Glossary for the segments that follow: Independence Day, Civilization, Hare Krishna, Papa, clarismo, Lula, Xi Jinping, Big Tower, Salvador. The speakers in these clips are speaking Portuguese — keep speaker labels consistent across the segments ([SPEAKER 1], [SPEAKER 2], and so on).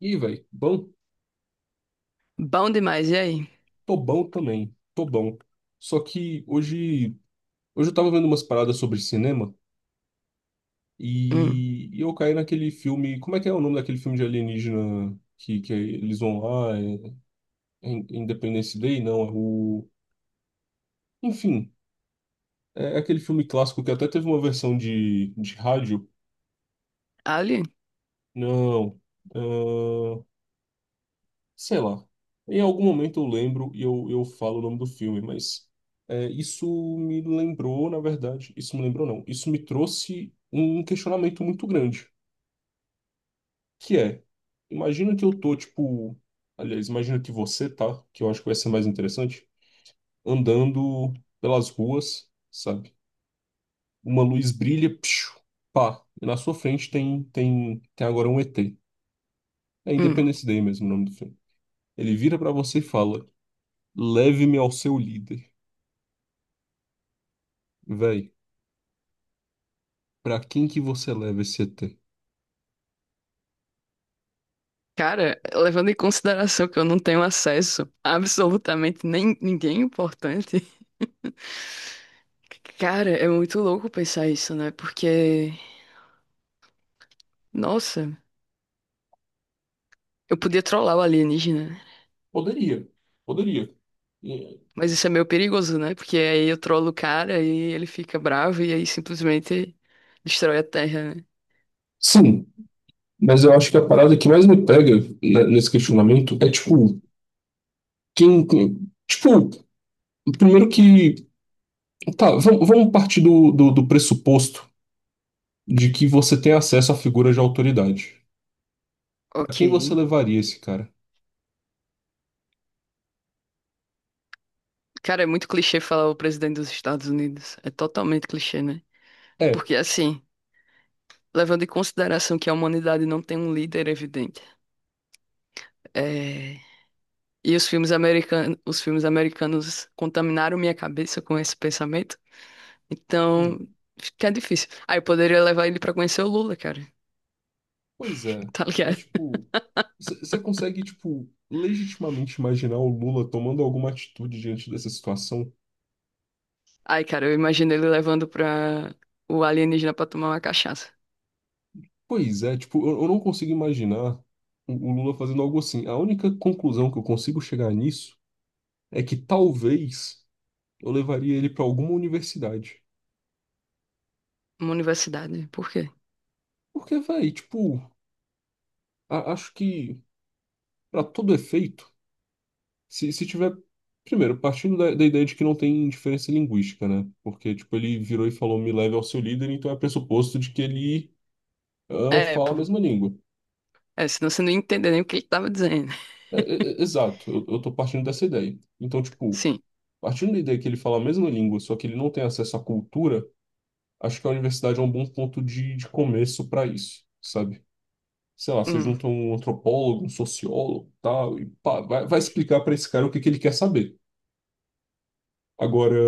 [SPEAKER 1] Ih, velho, bom,
[SPEAKER 2] Bom demais, e aí?
[SPEAKER 1] tô bom também, tô bom. Só que hoje eu tava vendo umas paradas sobre cinema
[SPEAKER 2] Hum,
[SPEAKER 1] e eu caí naquele filme. Como é que é o nome daquele filme de alienígena que eles vão lá? É, Independence Day? Não, é o. Enfim, é aquele filme clássico que até teve uma versão de rádio.
[SPEAKER 2] ali?
[SPEAKER 1] Não. ah, Sei lá. Em algum momento eu lembro e eu falo o nome do filme, mas isso me lembrou, na verdade, isso me lembrou não, isso me trouxe um questionamento muito grande, que é, imagina que eu tô, tipo, aliás, imagina que você tá, que eu acho que vai ser mais interessante, andando pelas ruas, sabe? Uma luz brilha, psiu, pá, e na sua frente tem agora um ET. É
[SPEAKER 2] Hum.
[SPEAKER 1] Independence Day mesmo o nome do filme. Ele vira pra você e fala, leve-me ao seu líder. Véi, pra quem que você leva esse ET?
[SPEAKER 2] Cara, levando em consideração que eu não tenho acesso a absolutamente nem ninguém importante, cara, é muito louco pensar isso, né? Porque, nossa, eu podia trollar o alienígena, né?
[SPEAKER 1] Poderia, poderia. E-
[SPEAKER 2] Mas isso é meio perigoso, né? Porque aí eu trollo o cara e ele fica bravo e aí simplesmente destrói a Terra, né?
[SPEAKER 1] Sim, mas eu acho que a parada que mais me pega, né, nesse questionamento é tipo, tipo, primeiro que. Tá, vamos partir do pressuposto de que você tem acesso à figura de autoridade. Pra
[SPEAKER 2] Ok.
[SPEAKER 1] quem você levaria esse cara?
[SPEAKER 2] Cara, é muito clichê falar o presidente dos Estados Unidos. É totalmente clichê, né?
[SPEAKER 1] É.
[SPEAKER 2] Porque assim, levando em consideração que a humanidade não tem um líder evidente. É, e os filmes americanos contaminaram minha cabeça com esse pensamento. Então, fica difícil. Aí eu poderia levar ele pra conhecer o Lula, cara.
[SPEAKER 1] Pois é,
[SPEAKER 2] Tá
[SPEAKER 1] mas
[SPEAKER 2] ligado?
[SPEAKER 1] tipo, você consegue, tipo, legitimamente imaginar o Lula tomando alguma atitude diante dessa situação?
[SPEAKER 2] Aí, cara, eu imagino ele levando pra o alienígena pra tomar uma cachaça.
[SPEAKER 1] Pois é, tipo, eu não consigo imaginar o Lula fazendo algo assim. A única conclusão que eu consigo chegar nisso é que talvez eu levaria ele pra alguma universidade.
[SPEAKER 2] Uma universidade. Por quê?
[SPEAKER 1] Porque, véi, tipo, acho que pra todo efeito, se tiver. Primeiro, partindo da ideia de que não tem diferença linguística, né? Porque, tipo, ele virou e falou, me leve ao seu líder, então é pressuposto de que ele
[SPEAKER 2] É,
[SPEAKER 1] fala a
[SPEAKER 2] pô.
[SPEAKER 1] mesma língua.
[SPEAKER 2] É, senão você não ia entender nem o que ele tava dizendo.
[SPEAKER 1] É, exato, eu tô partindo dessa ideia. Então, tipo,
[SPEAKER 2] Sim.
[SPEAKER 1] partindo da ideia que ele fala a mesma língua, só que ele não tem acesso à cultura, acho que a universidade é um bom ponto de começo para isso, sabe? Sei lá, você
[SPEAKER 2] Hum.
[SPEAKER 1] junta um antropólogo, um sociólogo, tal, e pá, vai, vai explicar para esse cara o que que ele quer saber. Agora,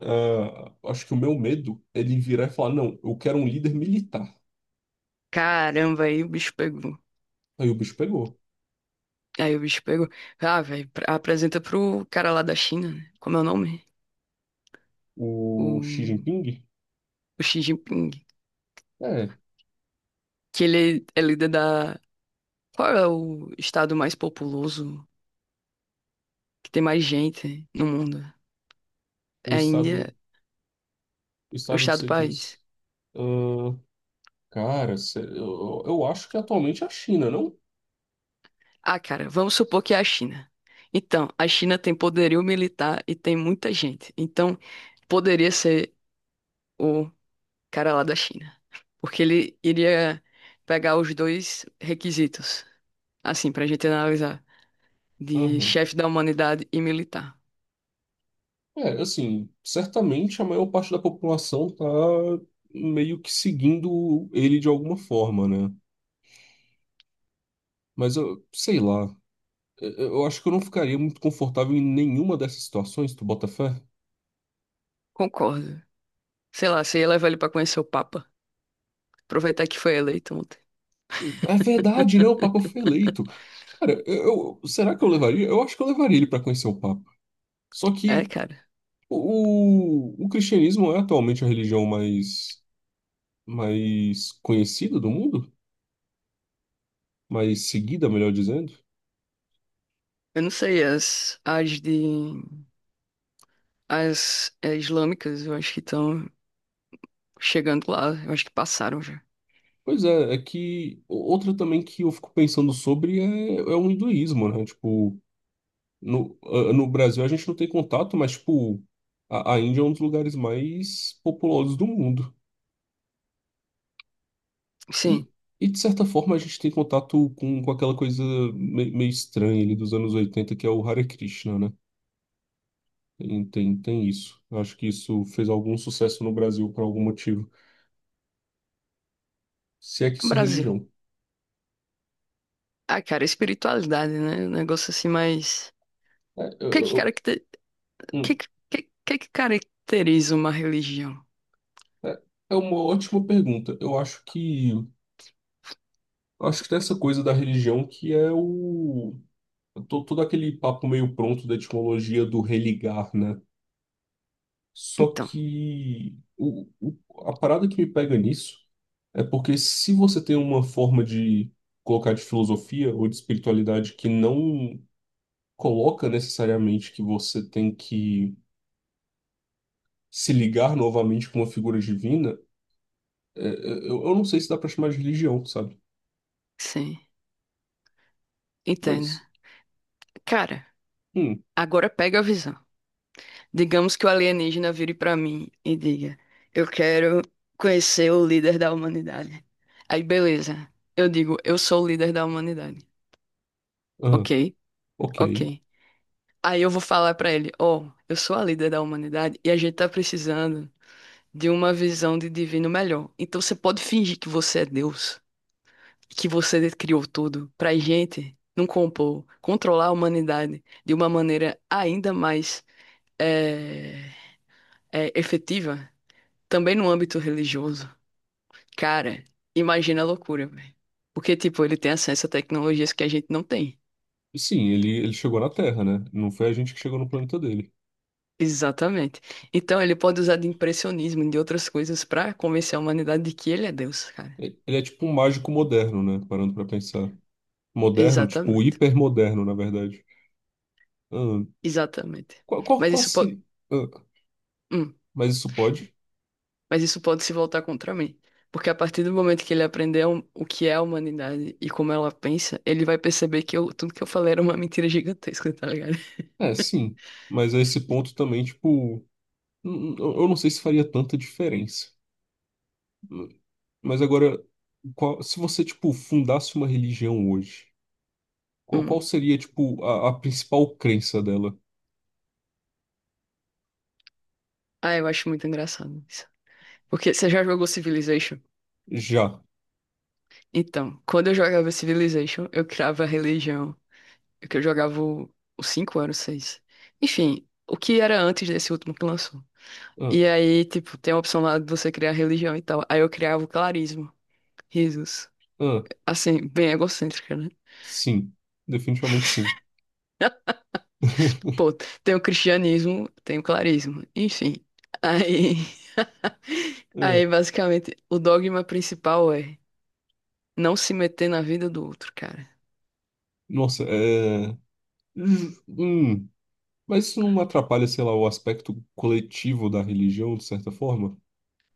[SPEAKER 1] acho que o meu medo é ele virar e falar, não, eu quero um líder militar.
[SPEAKER 2] Caramba, aí o bicho pegou.
[SPEAKER 1] Aí o bicho pegou.
[SPEAKER 2] Aí o bicho pegou. Ah, velho, apresenta pro cara lá da China, né? Como é o nome? O,
[SPEAKER 1] O Xi Jinping?
[SPEAKER 2] o Xi Jinping.
[SPEAKER 1] É,
[SPEAKER 2] Que ele é líder da. Qual é o estado mais populoso, que tem mais gente no mundo?
[SPEAKER 1] o
[SPEAKER 2] É a Índia,
[SPEAKER 1] estado, o
[SPEAKER 2] o
[SPEAKER 1] estado que
[SPEAKER 2] estado
[SPEAKER 1] você
[SPEAKER 2] país.
[SPEAKER 1] diz. Ah, cara, eu acho que atualmente é a China, não?
[SPEAKER 2] Ah, cara, vamos supor que é a China. Então, a China tem poderio militar e tem muita gente. Então, poderia ser o cara lá da China. Porque ele iria pegar os dois requisitos, assim, pra gente analisar, de
[SPEAKER 1] Aham.
[SPEAKER 2] chefe da humanidade e militar.
[SPEAKER 1] É, assim, certamente a maior parte da população tá meio que seguindo ele de alguma forma, né? Mas eu sei lá. Eu eu acho que eu não ficaria muito confortável em nenhuma dessas situações, tu bota fé?
[SPEAKER 2] Concordo. Sei lá, você ia levar ele pra conhecer o Papa. Aproveitar que foi eleito ontem.
[SPEAKER 1] É verdade, né? O Papa foi eleito. Cara, será que eu levaria? Eu acho que eu levaria ele para conhecer o Papa. Só
[SPEAKER 2] É,
[SPEAKER 1] que
[SPEAKER 2] cara.
[SPEAKER 1] o cristianismo é atualmente a religião mais conhecida do mundo? Mais seguida, melhor dizendo.
[SPEAKER 2] Eu não sei, as de. As é, islâmicas, eu acho que estão chegando lá. Eu acho que passaram já.
[SPEAKER 1] Pois é, é que outra também que eu fico pensando sobre é o hinduísmo, né? Tipo, no Brasil a gente não tem contato, mas, tipo, a Índia é um dos lugares mais populosos do mundo. E,
[SPEAKER 2] Sim,
[SPEAKER 1] e de certa forma, a gente tem contato com aquela coisa meio estranha ali dos anos 80 que é o Hare Krishna, né? Tem isso. Eu acho que isso fez algum sucesso no Brasil por algum motivo. Se é que isso é
[SPEAKER 2] Brasil.
[SPEAKER 1] religião.
[SPEAKER 2] Ah, cara, espiritualidade, né? Um negócio assim mais.
[SPEAKER 1] É,
[SPEAKER 2] O que que,
[SPEAKER 1] eu,
[SPEAKER 2] caracter... o que,
[SPEAKER 1] eu-
[SPEAKER 2] que caracteriza uma religião?
[SPEAKER 1] É é uma ótima pergunta. Eu acho que tem essa coisa da religião que é o todo aquele papo meio pronto da etimologia do religar, né? Só
[SPEAKER 2] Então,
[SPEAKER 1] que a parada que me pega nisso é porque se você tem uma forma de colocar de filosofia ou de espiritualidade que não coloca necessariamente que você tem que se ligar novamente com uma figura divina, eu não sei se dá pra chamar de religião, sabe?
[SPEAKER 2] sim,
[SPEAKER 1] Mas
[SPEAKER 2] entenda. Cara,
[SPEAKER 1] hum.
[SPEAKER 2] agora pega a visão. Digamos que o alienígena vire pra mim e diga: eu quero conhecer o líder da humanidade. Aí, beleza. Eu digo: eu sou o líder da humanidade.
[SPEAKER 1] Ah,
[SPEAKER 2] Ok,
[SPEAKER 1] ok.
[SPEAKER 2] ok. Aí eu vou falar pra ele: ó, eu sou a líder da humanidade e a gente tá precisando de uma visão de divino melhor. Então você pode fingir que você é Deus, que você criou tudo pra gente não compor, controlar a humanidade de uma maneira ainda mais eh, efetiva, também no âmbito religioso. Cara, imagina a loucura, velho. Porque, tipo, ele tem acesso a tecnologias que a gente não tem.
[SPEAKER 1] Sim, ele chegou na Terra, né? Não foi a gente que chegou no planeta dele.
[SPEAKER 2] Exatamente. Então ele pode usar de impressionismo, e de outras coisas, pra convencer a humanidade de que ele é Deus, cara.
[SPEAKER 1] Ele é tipo um mágico moderno, né? Parando pra pensar. Moderno, tipo
[SPEAKER 2] Exatamente.
[SPEAKER 1] hipermoderno, na verdade. Ah,
[SPEAKER 2] Exatamente.
[SPEAKER 1] qual, qual,
[SPEAKER 2] Mas
[SPEAKER 1] qual
[SPEAKER 2] isso pode.
[SPEAKER 1] se... ah, mas isso pode?
[SPEAKER 2] Mas isso pode se voltar contra mim. Porque a partir do momento que ele aprender o que é a humanidade e como ela pensa, ele vai perceber que tudo que eu falei era uma mentira gigantesca, tá ligado?
[SPEAKER 1] É, sim. Mas a esse ponto também, tipo, eu não sei se faria tanta diferença. Hum. Mas agora, se você, tipo, fundasse uma religião hoje, qual
[SPEAKER 2] Hum.
[SPEAKER 1] seria, tipo, a principal crença dela?
[SPEAKER 2] Ah, eu acho muito engraçado isso. Porque você já jogou Civilization?
[SPEAKER 1] Já.
[SPEAKER 2] Então, quando eu jogava Civilization, eu criava a religião. Que eu jogava o- Os 5 anos, 6, enfim, o que era antes desse último que lançou.
[SPEAKER 1] Ah,
[SPEAKER 2] E aí, tipo, tem a opção lá de você criar religião e tal. Aí eu criava o clarismo. Risos.
[SPEAKER 1] ah.
[SPEAKER 2] Assim, bem egocêntrica, né?
[SPEAKER 1] Sim, definitivamente sim.
[SPEAKER 2] Pô, tem o cristianismo, tem o clarismo, enfim. Aí,
[SPEAKER 1] É,
[SPEAKER 2] aí basicamente, o dogma principal é não se meter na vida do outro, cara.
[SPEAKER 1] nossa, é. ju- hum, Mas isso não atrapalha, sei lá, o aspecto coletivo da religião, de certa forma?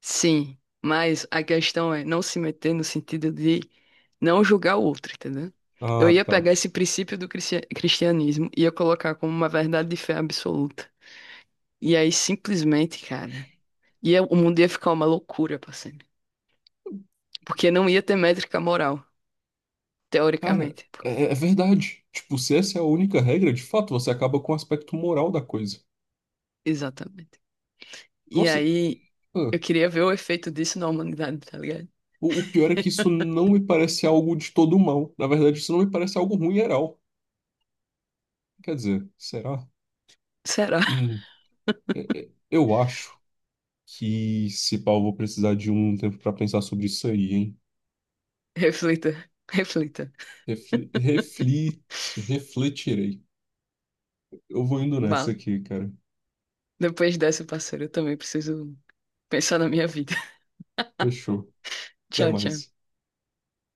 [SPEAKER 2] Sim, mas a questão é não se meter no sentido de não julgar o outro, entendeu? Eu
[SPEAKER 1] Ah,
[SPEAKER 2] ia
[SPEAKER 1] tá.
[SPEAKER 2] pegar esse princípio do cristianismo e ia colocar como uma verdade de fé absoluta. E aí, simplesmente, cara, ia, o mundo ia ficar uma loucura, parceiro. Porque não ia ter métrica moral,
[SPEAKER 1] Cara,
[SPEAKER 2] teoricamente.
[SPEAKER 1] é verdade. Tipo, se essa é a única regra, de fato, você acaba com o aspecto moral da coisa.
[SPEAKER 2] Exatamente. E
[SPEAKER 1] Nossa,
[SPEAKER 2] aí,
[SPEAKER 1] ah,
[SPEAKER 2] eu queria ver o efeito disso na humanidade, tá ligado?
[SPEAKER 1] o pior é que isso não me parece algo de todo mal. Na verdade, isso não me parece algo ruim geral. Quer dizer, será?
[SPEAKER 2] Será?
[SPEAKER 1] Hum, é, eu acho. Que se pau, eu vou precisar de um tempo para pensar sobre isso aí, hein?
[SPEAKER 2] Reflita, reflita.
[SPEAKER 1] Refli, refli, Refletirei. Eu vou indo nessa
[SPEAKER 2] Mal.
[SPEAKER 1] aqui, cara.
[SPEAKER 2] Depois dessa, parceiro, eu também preciso pensar na minha vida.
[SPEAKER 1] Fechou. Até
[SPEAKER 2] Tchau,
[SPEAKER 1] mais.
[SPEAKER 2] tchau.